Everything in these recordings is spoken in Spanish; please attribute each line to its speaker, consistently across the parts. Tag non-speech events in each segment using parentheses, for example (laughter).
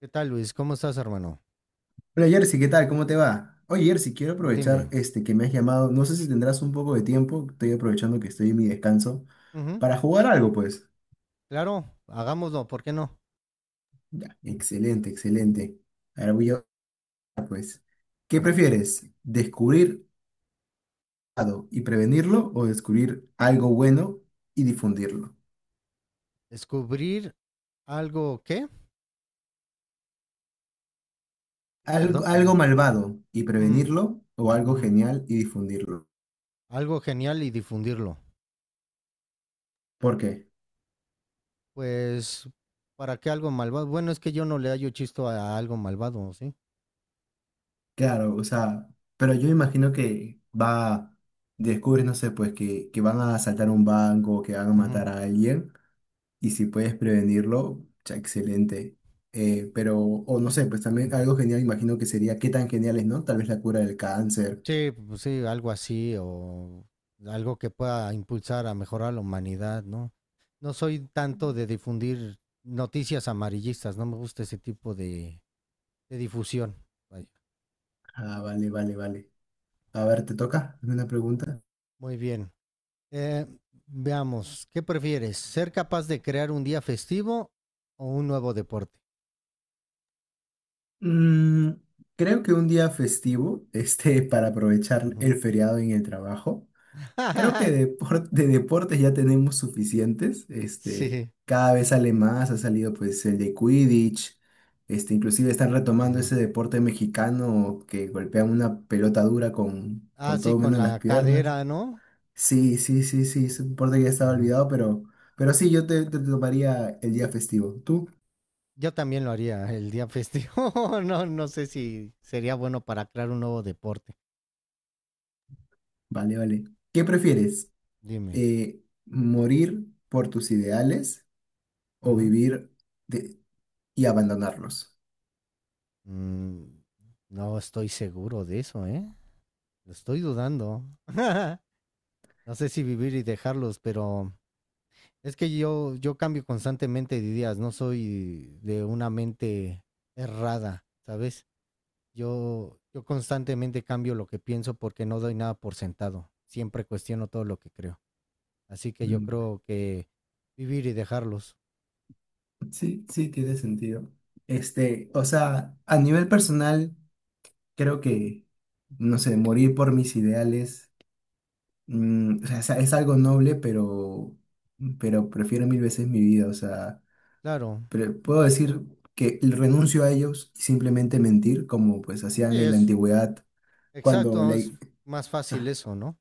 Speaker 1: ¿Qué tal, Luis? ¿Cómo estás, hermano?
Speaker 2: Hola Jersey, ¿qué tal? ¿Cómo te va? Oye Jersey, quiero aprovechar
Speaker 1: Dime.
Speaker 2: este que me has llamado. No sé si tendrás un poco de tiempo, estoy aprovechando que estoy en mi descanso,
Speaker 1: Ujú.
Speaker 2: para jugar algo, pues.
Speaker 1: Claro, hagámoslo, ¿por qué no?
Speaker 2: Ya, excelente, excelente. Ahora voy a pues. ¿Qué prefieres? ¿Descubrir algo y prevenirlo o descubrir algo bueno y difundirlo?
Speaker 1: Descubrir algo, ¿qué? Perdón.
Speaker 2: Algo malvado y
Speaker 1: Ujú.
Speaker 2: prevenirlo o algo
Speaker 1: Ujú.
Speaker 2: genial y difundirlo.
Speaker 1: Algo genial y difundirlo.
Speaker 2: ¿Por qué?
Speaker 1: Pues, ¿para qué algo malvado? Bueno, es que yo no le hallo chisto a algo malvado, ¿sí?
Speaker 2: Claro, o sea, pero yo imagino que va, descubres, no sé, pues que van a asaltar un banco, que van a
Speaker 1: Ujú.
Speaker 2: matar a alguien, y si puedes prevenirlo, ya excelente. Pero, o no sé, pues también algo genial, imagino que sería, qué tan genial es, ¿no? Tal vez la cura del cáncer.
Speaker 1: Sí, pues sí, algo así o algo que pueda impulsar a mejorar la humanidad, ¿no? No soy tanto de difundir noticias amarillistas, no me gusta ese tipo de difusión. Vaya.
Speaker 2: Ah, vale, vale, vale. A ver, ¿te toca? Hazme una pregunta.
Speaker 1: Muy bien. Eh, veamos, ¿qué prefieres? ¿Ser capaz de crear un día festivo o un nuevo deporte?
Speaker 2: Mm, Creo que un día festivo, (laughs) este, para aprovechar el
Speaker 1: Ujú.
Speaker 2: feriado en el trabajo. Creo que
Speaker 1: (laughs)
Speaker 2: de deportes ya tenemos suficientes. Este,
Speaker 1: sí.
Speaker 2: cada vez sale más, ha salido pues el de Quidditch. Este, inclusive están retomando
Speaker 1: Ujú.
Speaker 2: ese deporte mexicano que golpean una pelota dura con,
Speaker 1: Ah,
Speaker 2: con
Speaker 1: sí,
Speaker 2: todo
Speaker 1: con
Speaker 2: menos las
Speaker 1: la
Speaker 2: piernas.
Speaker 1: cadera, ¿no?
Speaker 2: Sí, sí, sí, sí, es un deporte que ya estaba
Speaker 1: Ujú.
Speaker 2: olvidado, pero, sí, yo te tomaría el día festivo. ¿Tú?
Speaker 1: Yo también lo haría el día festivo. (laughs) No, no sé si sería bueno para crear un nuevo deporte.
Speaker 2: Vale, vale. ¿Qué prefieres?
Speaker 1: Dime.
Speaker 2: ¿Morir por tus ideales o
Speaker 1: Ujú.
Speaker 2: vivir de- y abandonarlos?
Speaker 1: Mm, no estoy seguro de eso, ¿eh? Lo estoy dudando. (laughs) No sé si vivir y dejarlos, pero es que yo cambio constantemente de ideas, no soy de una mente errada, ¿sabes? Yo constantemente cambio lo que pienso porque no doy nada por sentado. Siempre cuestiono todo lo que creo. Así que yo
Speaker 2: Mm,
Speaker 1: creo que vivir y dejarlos.
Speaker 2: sí, sí, tiene sentido. Este, o sea, a nivel personal, creo que, no sé, morir por mis ideales, o sea, es algo noble, pero prefiero mil veces mi vida, o sea,
Speaker 1: Claro,
Speaker 2: pero puedo decir que renuncio a ellos y simplemente mentir, como pues
Speaker 1: sí,
Speaker 2: hacían en la
Speaker 1: es
Speaker 2: antigüedad, cuando
Speaker 1: exacto, es más
Speaker 2: la,
Speaker 1: fácil eso, ¿no?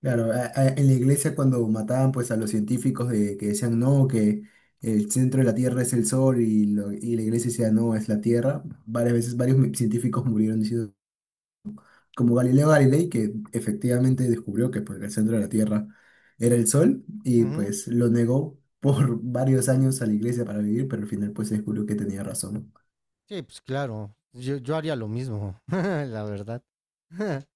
Speaker 2: claro, en la iglesia cuando mataban pues a los científicos que decían no, que el centro de la Tierra es el Sol y, y la iglesia decía no, es la Tierra, varias veces varios científicos murieron diciendo, como Galileo Galilei, que efectivamente descubrió que pues, el centro de la Tierra era el Sol y
Speaker 1: Ujú.
Speaker 2: pues lo negó por (laughs) varios años a la iglesia para vivir, pero al final pues se descubrió que tenía razón.
Speaker 1: Sí, pues claro, yo haría lo mismo, (laughs) la verdad. (laughs)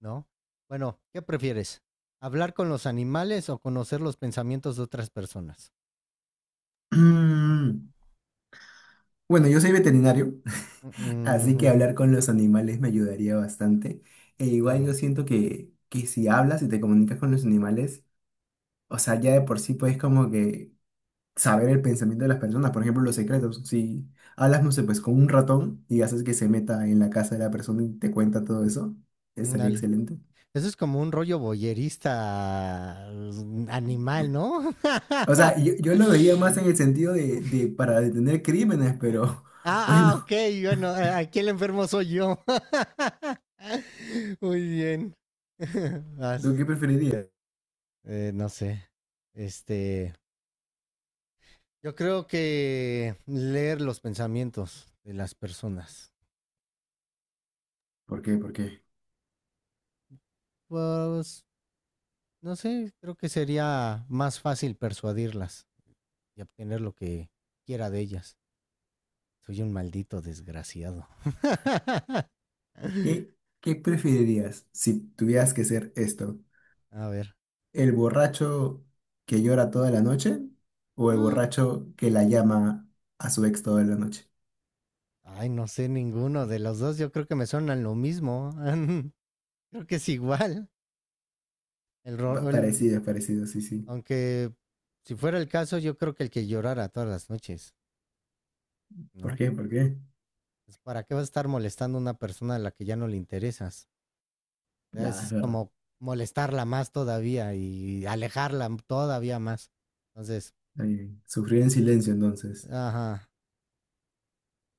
Speaker 1: ¿no? Bueno, ¿qué prefieres? ¿Hablar con los animales o conocer los pensamientos de otras personas?
Speaker 2: (clears throat) Bueno, yo soy veterinario, así que
Speaker 1: Mm.
Speaker 2: hablar con los animales me ayudaría bastante. E igual yo
Speaker 1: Claro.
Speaker 2: siento que si hablas y te comunicas con los animales, o sea, ya de por sí puedes como que saber el pensamiento de las personas, por ejemplo, los secretos. Si hablas, no sé, pues con un ratón y haces que se meta en la casa de la persona y te cuenta todo eso,
Speaker 1: Mm,
Speaker 2: estaría
Speaker 1: dale.
Speaker 2: excelente.
Speaker 1: Eso es como un rollo boyerista, animal, ¿no?
Speaker 2: O sea, yo,
Speaker 1: (laughs)
Speaker 2: yo lo veía más en el sentido de para detener crímenes, pero (laughs)
Speaker 1: ah, ah, ok,
Speaker 2: bueno,
Speaker 1: bueno, aquí el enfermo soy yo. (laughs) Muy bien. (laughs)
Speaker 2: ¿tú
Speaker 1: Vas.
Speaker 2: qué preferirías?
Speaker 1: No sé. Este, yo creo que leer los pensamientos de las personas.
Speaker 2: ¿Por qué? ¿Por qué?
Speaker 1: Pues no sé, creo que sería más fácil persuadirlas y obtener lo que quiera de ellas. Soy un maldito desgraciado.
Speaker 2: ¿Qué,
Speaker 1: (laughs)
Speaker 2: qué preferirías si tuvieras que hacer esto?
Speaker 1: A ver.
Speaker 2: ¿El borracho que llora toda la noche o el borracho que la llama a su ex toda la noche?
Speaker 1: Ay, no sé ninguno de los dos. Yo creo que me suenan lo mismo. (laughs) creo que es igual. El, ro- el-
Speaker 2: Parecido, es parecido, sí, sí.
Speaker 1: aunque si fuera el caso, yo creo que el que llorara todas las noches,
Speaker 2: ¿Por
Speaker 1: ¿no?
Speaker 2: qué? ¿Por qué?
Speaker 1: Pues, ¿para qué vas a estar molestando a una persona a la que ya no le interesas?
Speaker 2: Nada, es
Speaker 1: Es
Speaker 2: verdad.
Speaker 1: como molestarla más todavía y alejarla todavía más. Entonces,
Speaker 2: Está bien. Sufrir en silencio entonces.
Speaker 1: ajá,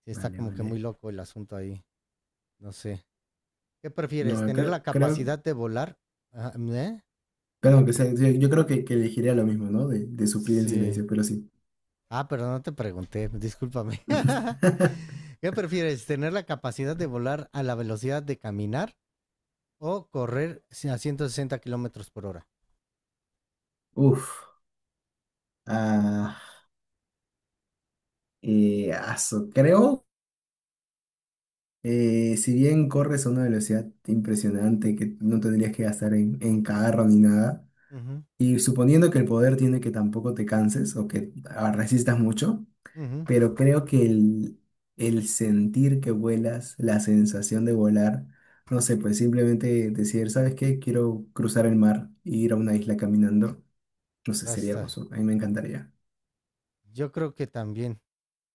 Speaker 1: sí está
Speaker 2: Vale,
Speaker 1: como que
Speaker 2: vale.
Speaker 1: muy loco el asunto ahí. No sé. ¿Qué prefieres?
Speaker 2: No,
Speaker 1: ¿Tener la
Speaker 2: creo,
Speaker 1: capacidad de volar? Ah, ¿eh?
Speaker 2: perdón, sí, yo creo que, elegiría lo mismo, ¿no? De sufrir en
Speaker 1: Sí.
Speaker 2: silencio, pero sí.
Speaker 1: Ah, pero no te pregunté, discúlpame. (laughs)
Speaker 2: (laughs)
Speaker 1: ¿Qué prefieres? ¿Tener la capacidad de volar a la velocidad de caminar o correr si a 160 kilómetros por hora?
Speaker 2: Uf. Ah, aso, creo. Si bien corres a una velocidad impresionante que no tendrías que gastar en, carro ni nada,
Speaker 1: Ujú.
Speaker 2: y suponiendo que el poder tiene que tampoco te canses o que resistas mucho,
Speaker 1: Ujú.
Speaker 2: pero creo que el, sentir que vuelas, la sensación de volar, no sé, pues simplemente decir, ¿sabes qué? Quiero cruzar el mar e ir a una isla caminando, no sé,
Speaker 1: Ya.
Speaker 2: sería hermoso, a mí me encantaría.
Speaker 1: Yo creo que también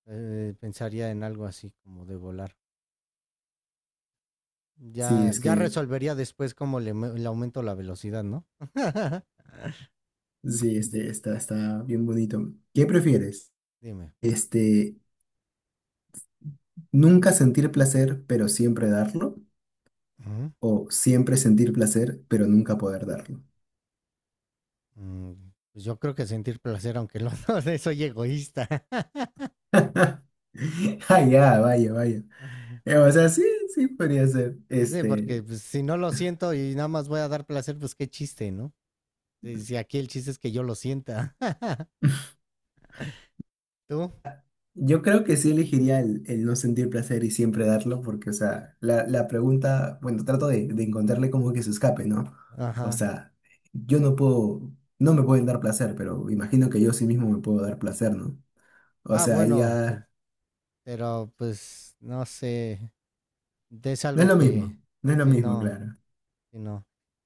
Speaker 1: pensaría en algo así como de volar.
Speaker 2: Sí,
Speaker 1: Ya,
Speaker 2: es
Speaker 1: ya
Speaker 2: que
Speaker 1: resolvería después cómo le, aumento la velocidad, ¿no? (laughs)
Speaker 2: sí, este, está, bien bonito. ¿Qué prefieres?
Speaker 1: Dime.
Speaker 2: Este, nunca sentir placer, pero siempre darlo. O siempre sentir placer, pero nunca poder darlo.
Speaker 1: Mm, Pues yo creo que sentir placer, aunque lo no, (laughs) soy egoísta. (laughs)
Speaker 2: (laughs) Ah, ya, vaya, vaya. O sea, sí, sí podría ser.
Speaker 1: Sí, porque
Speaker 2: Este,
Speaker 1: pues, si no lo siento y nada más voy a dar placer, pues qué chiste, ¿no? Si aquí el chiste es que yo lo sienta. (laughs) ¿Tú?
Speaker 2: yo creo que sí elegiría el, no sentir placer y siempre darlo, porque, o
Speaker 1: Sí.
Speaker 2: sea, la, pregunta, bueno, trato de, encontrarle como que se escape, ¿no? O
Speaker 1: Ajá.
Speaker 2: sea, yo no puedo, no me pueden dar placer, pero imagino que yo sí mismo me puedo dar placer, ¿no? O
Speaker 1: Ah,
Speaker 2: sea, ahí
Speaker 1: bueno,
Speaker 2: ya
Speaker 1: pero pues no sé, es
Speaker 2: no es
Speaker 1: algo
Speaker 2: lo
Speaker 1: que,
Speaker 2: mismo, no es lo
Speaker 1: si
Speaker 2: mismo,
Speaker 1: no,
Speaker 2: claro.
Speaker 1: si no.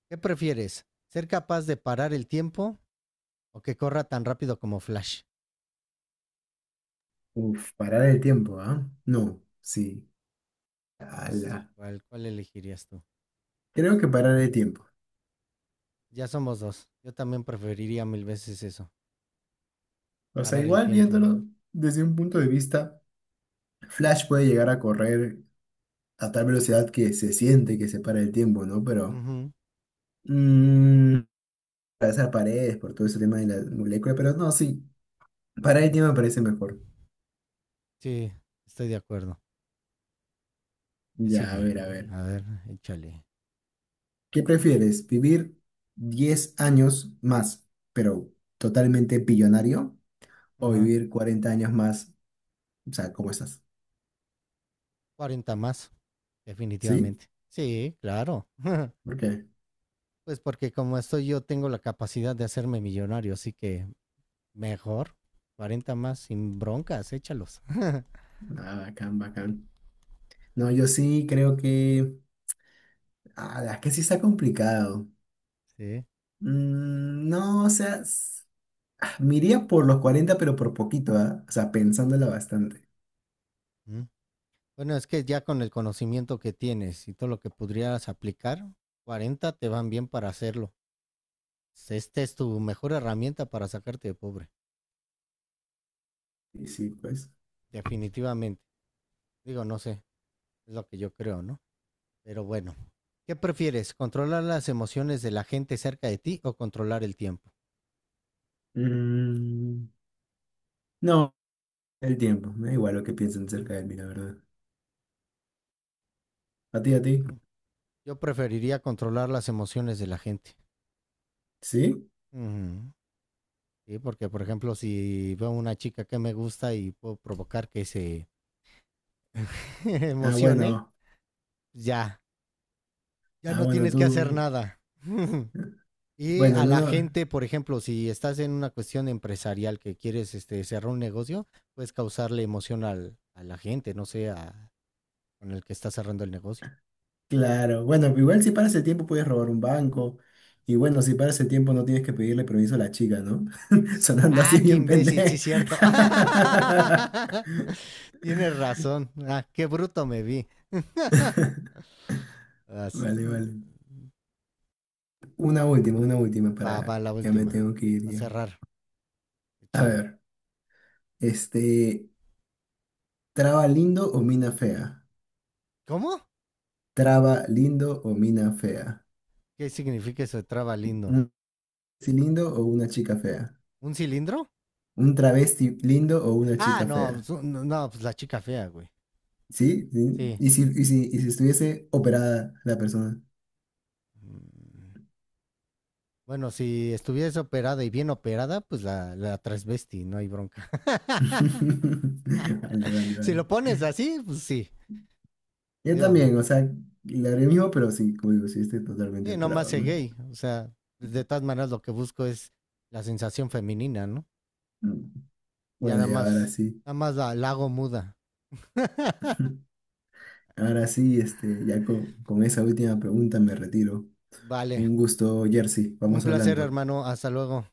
Speaker 1: ¿Qué prefieres? ¿Ser capaz de parar el tiempo o que corra tan rápido como Flash?
Speaker 2: Uf, parar el tiempo, ¿ah? No, sí.
Speaker 1: No sé
Speaker 2: Ala.
Speaker 1: cuál elegirías tú.
Speaker 2: Creo que parar el tiempo.
Speaker 1: Ya somos dos. Yo también preferiría mil veces eso.
Speaker 2: O sea,
Speaker 1: Parar el
Speaker 2: igual
Speaker 1: tiempo.
Speaker 2: viéndolo desde un punto de vista, Flash puede llegar a correr a tal velocidad que se siente que se para el tiempo, ¿no? Pero…
Speaker 1: Ujú.
Speaker 2: Mmm, atravesar paredes por todo ese tema de la molécula, pero no, sí. Parar el tiempo me parece mejor.
Speaker 1: Sí, estoy de acuerdo. ¿Qué
Speaker 2: Ya, a
Speaker 1: sigue?
Speaker 2: ver, a ver.
Speaker 1: A ver, échale.
Speaker 2: ¿Qué prefieres? ¿Vivir 10 años más, pero totalmente billonario? ¿O
Speaker 1: Ajá.
Speaker 2: vivir 40 años más? O sea, ¿cómo estás?
Speaker 1: 40 más,
Speaker 2: ¿Sí?
Speaker 1: definitivamente. Sí, claro.
Speaker 2: Ok,
Speaker 1: Pues porque como estoy yo tengo la capacidad de hacerme millonario, así que mejor. 40 más sin broncas, échalos. (laughs)
Speaker 2: ah, bacán, bacán. No, yo sí creo que. Ah, es que sí está complicado.
Speaker 1: Sí.
Speaker 2: No, o sea, me iría por los 40, pero por poquito, ¿ah? O sea, pensándola bastante.
Speaker 1: Mm. Bueno, es que ya con el conocimiento que tienes y todo lo que podrías aplicar, 40 te van bien para hacerlo. Esta es tu mejor herramienta para sacarte de pobre,
Speaker 2: Y sí, pues.
Speaker 1: definitivamente. Digo, no sé, es lo que yo creo, ¿no? Pero bueno, ¿qué prefieres? ¿Controlar las emociones de la gente cerca de ti o controlar el tiempo?
Speaker 2: Mm, no, el tiempo. Me da igual lo que piensen
Speaker 1: Ujú.
Speaker 2: acerca de mí, la verdad. ¿A ti, a ti?
Speaker 1: Sí. Yo preferiría controlar las emociones de la gente.
Speaker 2: ¿Sí?
Speaker 1: Ujú. Sí, porque por ejemplo, si veo una chica que me gusta y puedo provocar que se (laughs)
Speaker 2: Ah,
Speaker 1: emocione,
Speaker 2: bueno.
Speaker 1: ya, ya
Speaker 2: Ah,
Speaker 1: no
Speaker 2: bueno,
Speaker 1: tienes que hacer
Speaker 2: tú.
Speaker 1: nada. (laughs)
Speaker 2: Eh,
Speaker 1: y
Speaker 2: bueno, al
Speaker 1: a la
Speaker 2: menos.
Speaker 1: gente, por ejemplo, si estás en una cuestión empresarial que quieres este, cerrar un negocio, puedes causarle emoción a la gente, no sé, con el que está cerrando el negocio.
Speaker 2: Claro, bueno, igual si paras el tiempo puedes robar un banco. Y bueno, si paras el tiempo no tienes que pedirle permiso a la chica, ¿no? (laughs) Sonando así
Speaker 1: Ah, qué
Speaker 2: bien
Speaker 1: imbécil, sí
Speaker 2: pendejo.
Speaker 1: cierto.
Speaker 2: (laughs)
Speaker 1: (laughs) Tienes razón. Ah, qué bruto me vi. As-
Speaker 2: Vale, vale. Una última
Speaker 1: va
Speaker 2: para…
Speaker 1: la
Speaker 2: Ya me
Speaker 1: última.
Speaker 2: tengo que ir
Speaker 1: Va a
Speaker 2: ya.
Speaker 1: cerrar.
Speaker 2: A
Speaker 1: Échale.
Speaker 2: ver, este… ¿Traba lindo o mina fea?
Speaker 1: ¿Cómo?
Speaker 2: ¿Traba lindo o mina fea?
Speaker 1: ¿Qué significa eso de traba lindo?
Speaker 2: ¿Un travesti lindo o una chica fea?
Speaker 1: ¿Un cilindro?
Speaker 2: ¿Un travesti lindo o una
Speaker 1: Ah,
Speaker 2: chica
Speaker 1: no,
Speaker 2: fea?
Speaker 1: pues, no, pues la chica fea, güey.
Speaker 2: ¿Sí? ¿Sí?
Speaker 1: Sí.
Speaker 2: ¿Y si estuviese operada la persona?
Speaker 1: Mm, bueno, si estuvieras operada y bien operada, pues la transvesti, no hay bronca. (laughs)
Speaker 2: (laughs) Vale, vale,
Speaker 1: Si
Speaker 2: vale.
Speaker 1: lo pones así, pues sí.
Speaker 2: Yo
Speaker 1: Digo,
Speaker 2: también, o sea, le haré mismo, pero sí, como digo, sí estoy totalmente
Speaker 1: sí, no más
Speaker 2: operado,
Speaker 1: sé
Speaker 2: ¿no?
Speaker 1: gay. O sea, de todas maneras lo que busco es la sensación femenina, ¿no?
Speaker 2: Mm.
Speaker 1: Ya nada
Speaker 2: Bueno, y ahora
Speaker 1: más,
Speaker 2: sí,
Speaker 1: nada más la hago muda.
Speaker 2: (laughs) ahora sí, este, ya con esa última pregunta me retiro.
Speaker 1: Vale.
Speaker 2: Un gusto, Jersey,
Speaker 1: Un
Speaker 2: vamos
Speaker 1: placer,
Speaker 2: hablando.
Speaker 1: hermano. Hasta luego.